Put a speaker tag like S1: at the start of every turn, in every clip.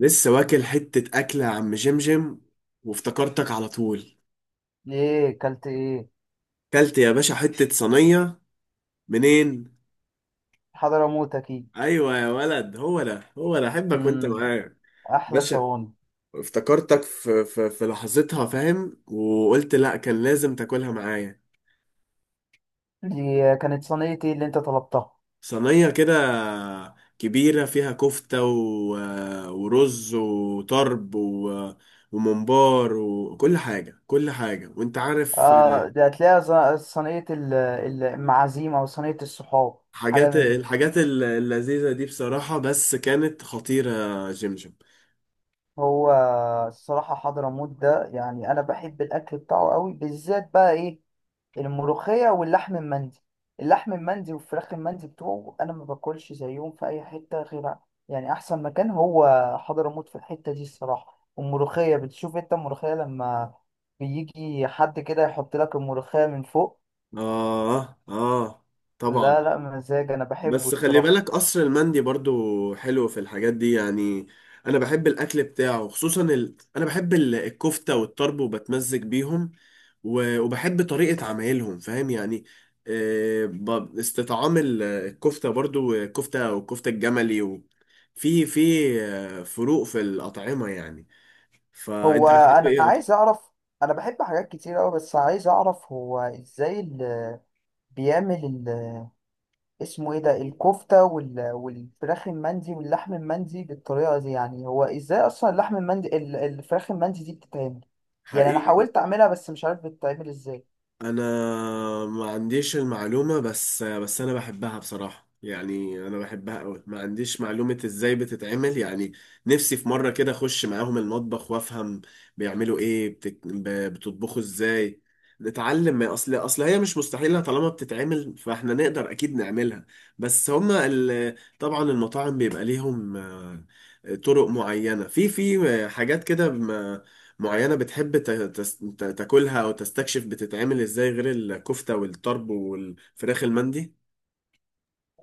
S1: لسه واكل حتة أكلة يا عم جمجم، وافتكرتك على طول.
S2: ايه كلت ايه؟
S1: كلت يا باشا حتة صينية. منين؟
S2: حضرموت اكيد.
S1: أيوة يا ولد، هو ده هو ده. أحبك وأنت
S2: امم
S1: معايا
S2: احلى
S1: باشا.
S2: صواني.
S1: افتكرتك في لحظتها فاهم، وقلت لأ، كان لازم تاكلها معايا.
S2: دي كانت صينيه ايه اللي انت طلبتها؟
S1: صينية كده كبيرة فيها كفتة ورز وطرب وممبار وكل حاجة كل حاجة وأنت عارف.
S2: اه دي هتلاقيها. صينيه المعازيم او صينيه الصحاب حاجه مني.
S1: اللذيذة دي بصراحة، بس كانت خطيرة يا جمجم.
S2: هو الصراحه حضرموت ده يعني انا بحب الاكل بتاعه قوي، بالذات بقى ايه الملوخية واللحم المندي. اللحم المندي والفراخ المندي بتوعه أنا ما باكلش زيهم في أي حتة غير، يعني أحسن مكان هو حضرموت في الحتة دي الصراحة. والملوخية بتشوف أنت الملوخية لما بيجي حد كده يحط لك الملوخية من فوق،
S1: آه آه، طبعا.
S2: لا لا مزاج، أنا بحبه
S1: بس خلي
S2: الصراحة.
S1: بالك قصر المندي برضو حلو في الحاجات دي يعني. أنا بحب الأكل بتاعه، خصوصا أنا بحب الكفتة والطرب، وبتمزج بيهم، وبحب طريقة عمايلهم، فاهم يعني. آه، استطعام الكفتة، برضو الكفتة والكفتة الجملي في في آه، فروق في الأطعمة يعني.
S2: هو
S1: فأنت بتحب
S2: أنا
S1: إيه؟
S2: عايز أعرف، أنا بحب حاجات كتير أوي، بس عايز أعرف هو إزاي اللي بيعمل اسمه ايه ده، الكفتة وال... والفراخ المندي واللحم المندي بالطريقة دي. يعني هو ازاي اصلا اللحم المندي الفراخ المندي دي بتتعمل؟ يعني انا
S1: حقيقي.
S2: حاولت اعملها بس مش عارف بتتعمل ازاي.
S1: انا ما عنديش المعلومة، بس انا بحبها بصراحة، يعني انا بحبها قوي. ما عنديش معلومة ازاي بتتعمل يعني. نفسي في مرة كده اخش معاهم المطبخ وافهم بيعملوا ايه. بتطبخوا ازاي، نتعلم. اصل هي مش مستحيلة، طالما بتتعمل فاحنا نقدر اكيد نعملها. بس هما طبعا المطاعم بيبقى ليهم آه، طرق معينة في في حاجات كده معينة. بتحب تاكلها أو تستكشف بتتعمل إزاي غير الكفتة والطرب والفراخ المندي؟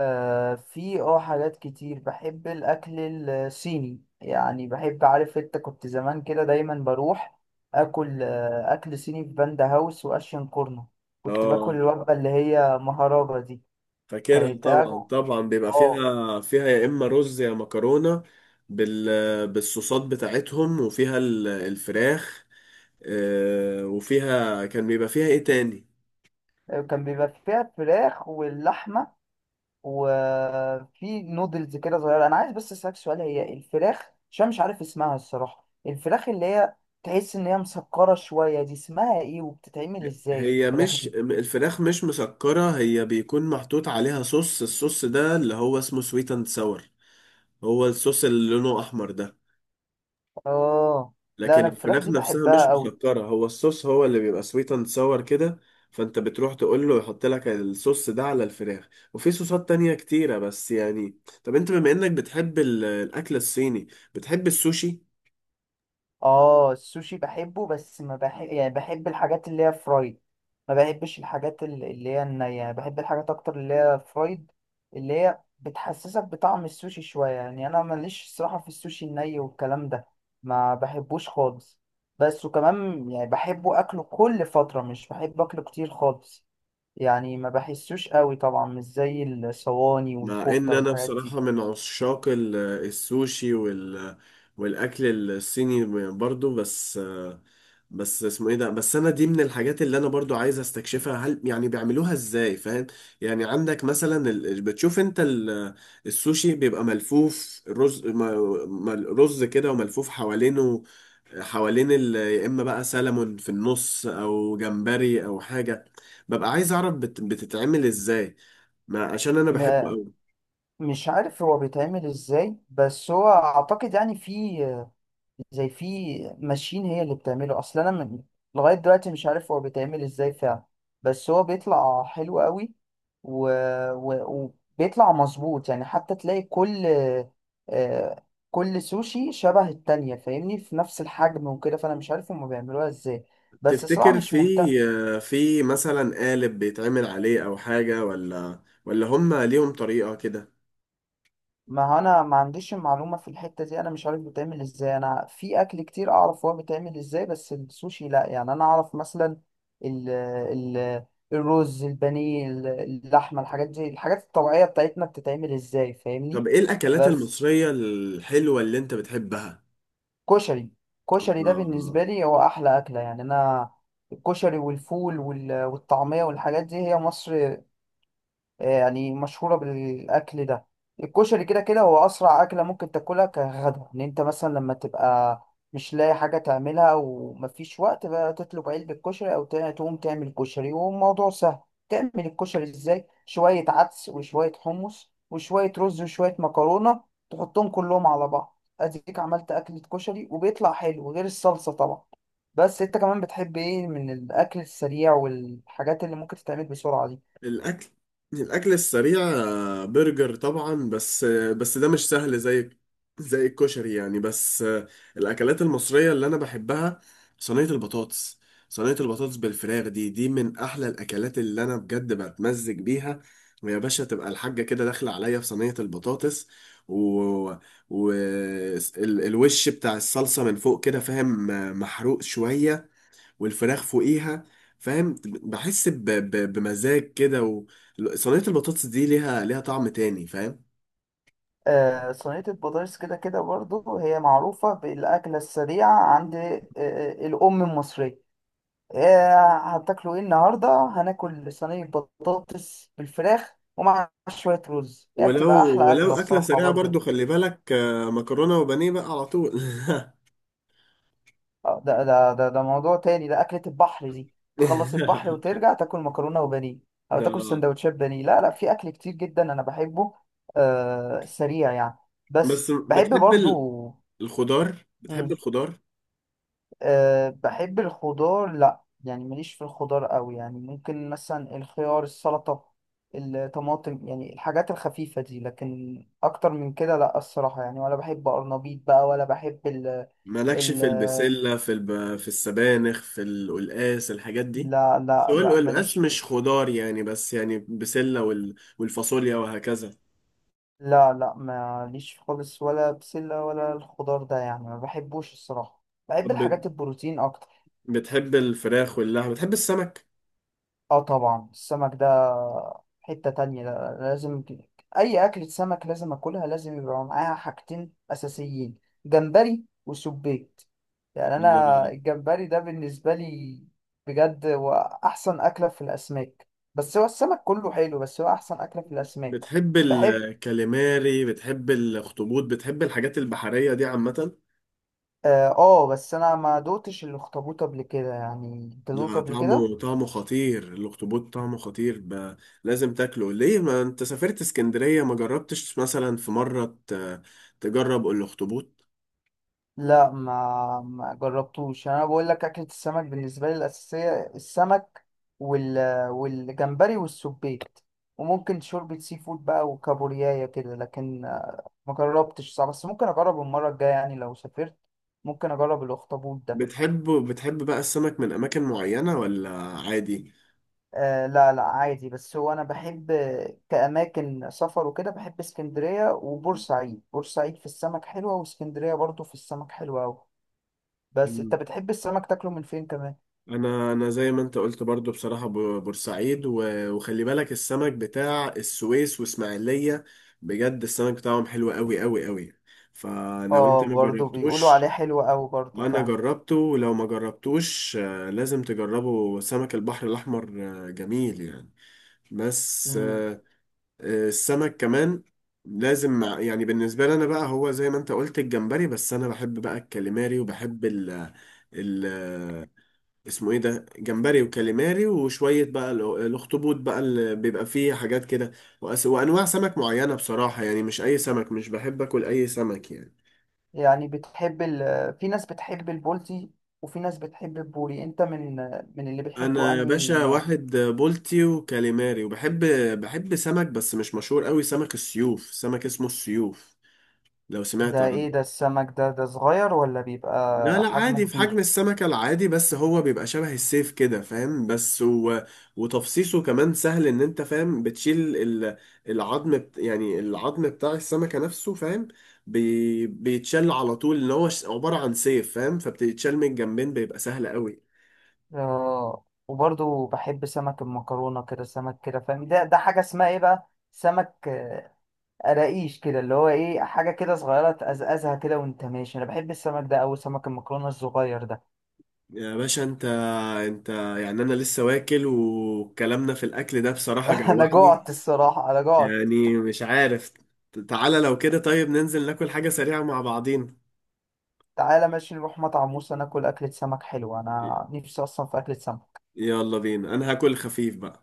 S2: آه، في اه حاجات كتير، بحب الاكل الصيني يعني. بحب، عارف انت، كنت زمان كده دايما بروح اكل آه اكل صيني في باندا هاوس واشين كورنو. كنت
S1: آه،
S2: باكل الوجبة اللي هي مهرجة دي.
S1: فاكرها
S2: كانت
S1: طبعا
S2: أجو-
S1: طبعا. بيبقى
S2: اه
S1: فيها فيها يا إما رز يا مكرونة بالصوصات بتاعتهم، وفيها الفراخ. آه، وفيها كان بيبقى فيها إيه تاني؟
S2: كان بيبقى فيها فراخ واللحمة وفي نودلز كده صغيره. انا عايز بس اسالك سؤال، هي الفراخ، عشان مش عارف اسمها الصراحه، الفراخ اللي هي تحس ان هي مسكره شويه دي، اسمها ايه وبتتعمل ازاي
S1: هي
S2: الفراخ
S1: مش
S2: دي؟
S1: الفراخ مش مسكرة، هي بيكون محطوط عليها صوص. الصوص ده اللي هو اسمه سويت اند ساور، هو الصوص اللي لونه أحمر ده.
S2: اه لا،
S1: لكن
S2: انا الفراخ
S1: الفراخ
S2: دي
S1: نفسها
S2: بحبها
S1: مش
S2: قوي.
S1: مسكرة، هو الصوص هو اللي بيبقى سويت اند ساور كده. فانت بتروح تقول له يحط لك الصوص ده على الفراخ. وفي صوصات تانية كتيرة، بس يعني طب انت بما انك بتحب الاكل الصيني، بتحب السوشي؟
S2: اه السوشي بحبه، بس ما بحب، يعني بحب الحاجات اللي هي فرايد. ما بحبش الحاجات اللي هي النية، بحب الحاجات اكتر اللي هي فرايد، اللي هي بتحسسك بطعم السوشي شوية. يعني انا ماليش صراحة في السوشي الني والكلام ده، ما بحبوش خالص. بس وكمان يعني بحبه اكله كل فترة، مش بحب اكله كتير خالص، يعني ما بحسوش قوي طبعا، مش زي الصواني
S1: مع ان
S2: والكفتة
S1: انا
S2: والحاجات دي.
S1: بصراحة من عشاق السوشي والاكل الصيني برضو. بس، بس اسمه ايه ده، بس انا دي من الحاجات اللي انا برضو عايز استكشفها، هل يعني بيعملوها ازاي، فاهم؟ يعني عندك مثلا بتشوف انت السوشي بيبقى ملفوف رز م- رز كده وملفوف حوالينه، حوالين يا اما بقى سلمون في النص او جمبري او حاجة. ببقى عايز اعرف بتتعمل ازاي، ما عشان انا بحبه
S2: م-
S1: قوي.
S2: مش عارف هو بيتعمل ازاي، بس هو اعتقد يعني في، زي في ماشين هي اللي بتعمله. اصل انا من لغايه دلوقتي مش عارف هو بيتعمل ازاي فعلا، بس هو بيطلع حلو قوي و... و... وبيطلع مظبوط. يعني حتى تلاقي كل آه، كل سوشي شبه التانية، فاهمني، في نفس الحجم وكده. فانا مش عارف هما بيعملوها ازاي، بس صراحة
S1: تفتكر
S2: مش
S1: في
S2: مهتم.
S1: في مثلا قالب بيتعمل عليه او حاجة، ولا هم ليهم طريقة كده؟
S2: ما هو انا ما عنديش المعلومه في الحته دي، انا مش عارف بتعمل ازاي. انا في اكل كتير اعرف هو بيتعمل ازاي، بس السوشي لا. يعني انا اعرف مثلا ال الرز، البانيه، اللحمه، الحاجات دي، الحاجات الطبيعيه بتاعتنا، بتتعمل ازاي فاهمني.
S1: طب ايه الاكلات
S2: بس
S1: المصرية الحلوة اللي انت بتحبها؟
S2: كشري. كشري ده
S1: الله.
S2: بالنسبه لي هو احلى اكله يعني. انا الكشري والفول والطعميه والحاجات دي هي مصر يعني، مشهورة بالأكل ده. الكشري كده كده هو أسرع أكلة ممكن تاكلها كغدا. إن أنت مثلا لما تبقى مش لاقي حاجة تعملها ومفيش وقت بقى، تطلب علبة كشري أو تقوم تعمل كشري، والموضوع سهل. تعمل الكشري إزاي؟ شوية عدس وشوية حمص وشوية رز وشوية مكرونة، تحطهم كلهم على بعض، أديك عملت أكلة كشري وبيطلع حلو، غير الصلصة طبعا. بس أنت كمان بتحب إيه من الأكل السريع والحاجات اللي ممكن تتعمل بسرعة دي؟
S1: الأكل، الأكل السريع آه، برجر طبعا، بس آه، بس ده مش سهل زي، زي الكشري يعني. بس آه، الأكلات المصرية اللي أنا بحبها صينية البطاطس. صينية البطاطس بالفراخ دي، دي من أحلى الأكلات اللي أنا بجد بتمزج بيها. ويا باشا تبقى الحاجة كده داخلة عليا في صينية البطاطس، و... و... الوش بتاع الصلصة من فوق كده، فاهم؟ آه، محروق شوية، والفراخ فوقيها. فاهم، بحس بمزاج كده صينية البطاطس دي ليها، ليها طعم تاني، فاهم؟
S2: صينية البطاطس كده كده برضو هي معروفة بالأكلة السريعة عند الأم المصرية. هتاكلوا إيه النهاردة؟ هناكل صينية بطاطس بالفراخ ومع شوية رز. هي
S1: ولو،
S2: بتبقى أحلى
S1: ولو
S2: أكلة
S1: أكلة
S2: الصراحة
S1: سريعة
S2: برضو.
S1: برضو خلي بالك آه، مكرونة وبانيه بقى على طول.
S2: ده موضوع تاني، ده أكلة البحر دي. تخلص البحر وترجع تاكل مكرونة وبانيه، أو تاكل
S1: آه.
S2: سندوتشات بانيه. لا لا، في أكل كتير جدا أنا بحبه، سريع يعني، بس
S1: بس
S2: بحب
S1: بتحب
S2: برضو.
S1: الخضار؟ بتحب الخضار؟
S2: أه بحب الخضار، لا يعني ماليش في الخضار قوي. يعني ممكن مثلا الخيار، السلطة، الطماطم، يعني الحاجات الخفيفة دي، لكن أكتر من كده لا الصراحة يعني. ولا بحب قرنبيط بقى، ولا بحب ال
S1: مالكش
S2: ال
S1: في البسلة، في السبانخ، في القلقاس، الحاجات دي؟
S2: لا
S1: بس هو
S2: لا لا ماليش
S1: القلقاس
S2: في.
S1: مش خضار يعني، بس يعني بسلة والفاصوليا وهكذا.
S2: لا لا ماليش خالص، ولا بسلة ولا الخضار ده، يعني ما بحبوش الصراحة. بحب
S1: طب
S2: الحاجات البروتين أكتر.
S1: بتحب الفراخ واللحم؟ بتحب السمك؟
S2: اه طبعا السمك ده حتة تانية. ده لازم، أي أكلة سمك لازم أكلها لازم يبقى معاها حاجتين أساسيين، جمبري وسبيت. يعني أنا
S1: ال-
S2: الجمبري ده بالنسبة لي بجد هو أحسن أكلة في الأسماك. بس هو السمك كله حلو، بس هو أحسن أكلة في الأسماك.
S1: بتحب
S2: بحب،
S1: الكاليماري، بتحب الاخطبوط، بتحب الحاجات البحرية دي عامة؟
S2: بس أنا ما دوتش الأخطبوط قبل كده. يعني أنت دوقته
S1: لا،
S2: قبل كده؟
S1: طعمه، طعمه خطير الاخطبوط، طعمه خطير لازم تاكله. ليه ما انت سافرت اسكندرية، ما جربتش مثلا في مرة تجرب الاخطبوط؟
S2: لا ما جربتوش. يعني انا بقول لك اكلة السمك بالنسبة لي الأساسية السمك وال والجمبري والسبيت، وممكن شوربة سي فود بقى وكابوريايا كده، لكن ما جربتش صح، بس ممكن اجرب المرة الجاية يعني لو سافرت ممكن اجرب الاخطبوط ده.
S1: بتحب، بتحب بقى السمك من اماكن معينة ولا عادي؟
S2: آه لا لا عادي، بس هو انا بحب كأماكن سفر وكده بحب اسكندرية وبورسعيد. بورسعيد في السمك حلوة، واسكندرية برضو في السمك حلوة أوي. بس انت بتحب السمك تاكله من فين كمان؟
S1: انا، انا زي ما انت قلت برضو بصراحة بورسعيد، وخلي بالك السمك بتاع السويس واسماعيلية. بجد السمك بتاعهم حلو قوي قوي قوي. فلو انت
S2: اه
S1: ما
S2: برضو بيقولوا عليه
S1: جربتوش،
S2: حلو قوي برضو
S1: انا
S2: فعلا.
S1: جربته. ولو ما جربتوش آه، لازم تجربه، سمك البحر الاحمر آه، جميل يعني. بس
S2: امم
S1: آه، آه، السمك كمان لازم يعني بالنسبة لي انا بقى، هو زي ما انت قلت الجمبري، بس انا بحب بقى الكاليماري، وبحب ال- اسمه ايه ده، جمبري وكاليماري وشوية بقى الاخطبوط بقى اللي بيبقى فيه حاجات كده. وانواع سمك معينة بصراحة يعني، مش اي سمك، مش بحب اكل اي سمك يعني.
S2: يعني بتحب ال... في ناس بتحب البولتي وفي ناس بتحب البوري، انت من اللي بتحبه
S1: انا يا
S2: انهي
S1: باشا
S2: نوع؟
S1: واحد بولتي وكاليماري، وبحب، بحب سمك بس مش مشهور قوي، سمك السيوف، سمك اسمه السيوف، لو سمعت
S2: ده
S1: عنه.
S2: ايه ده السمك ده؟ ده صغير ولا
S1: لا
S2: بيبقى
S1: لا، عادي
S2: حجمه
S1: في حجم
S2: كبير؟
S1: السمكة العادي، بس هو بيبقى شبه السيف كده فاهم. بس وتفصيصه كمان سهل، ان انت فاهم بتشيل العظم يعني العظم بتاع السمكة نفسه، فاهم؟ بيتشال على طول، ان هو عبارة عن سيف، فاهم؟ فبتتشال من الجنبين، بيبقى سهل قوي.
S2: آه وبرضو بحب سمك المكرونة كده، سمك كده فاهم، ده ده حاجة اسمها ايه بقى، سمك قراقيش كده، اللي هو ايه، حاجة كده صغيرة تقزقزها كده وانت ماشي. انا بحب السمك ده اوي، سمك المكرونة الصغير ده.
S1: يا باشا انت، انت يعني انا لسه واكل وكلامنا في الاكل ده بصراحة
S2: انا جوعت
S1: جوعني،
S2: الصراحة، انا جوعت.
S1: يعني مش عارف. تعالى لو كده طيب، ننزل ناكل حاجة سريعة مع بعضين.
S2: تعالى ماشي، نروح مطعم موسى ناكل أكلة سمك حلوة، أنا نفسي أصلا في أكلة سمك.
S1: يلا بينا، انا هاكل خفيف بقى.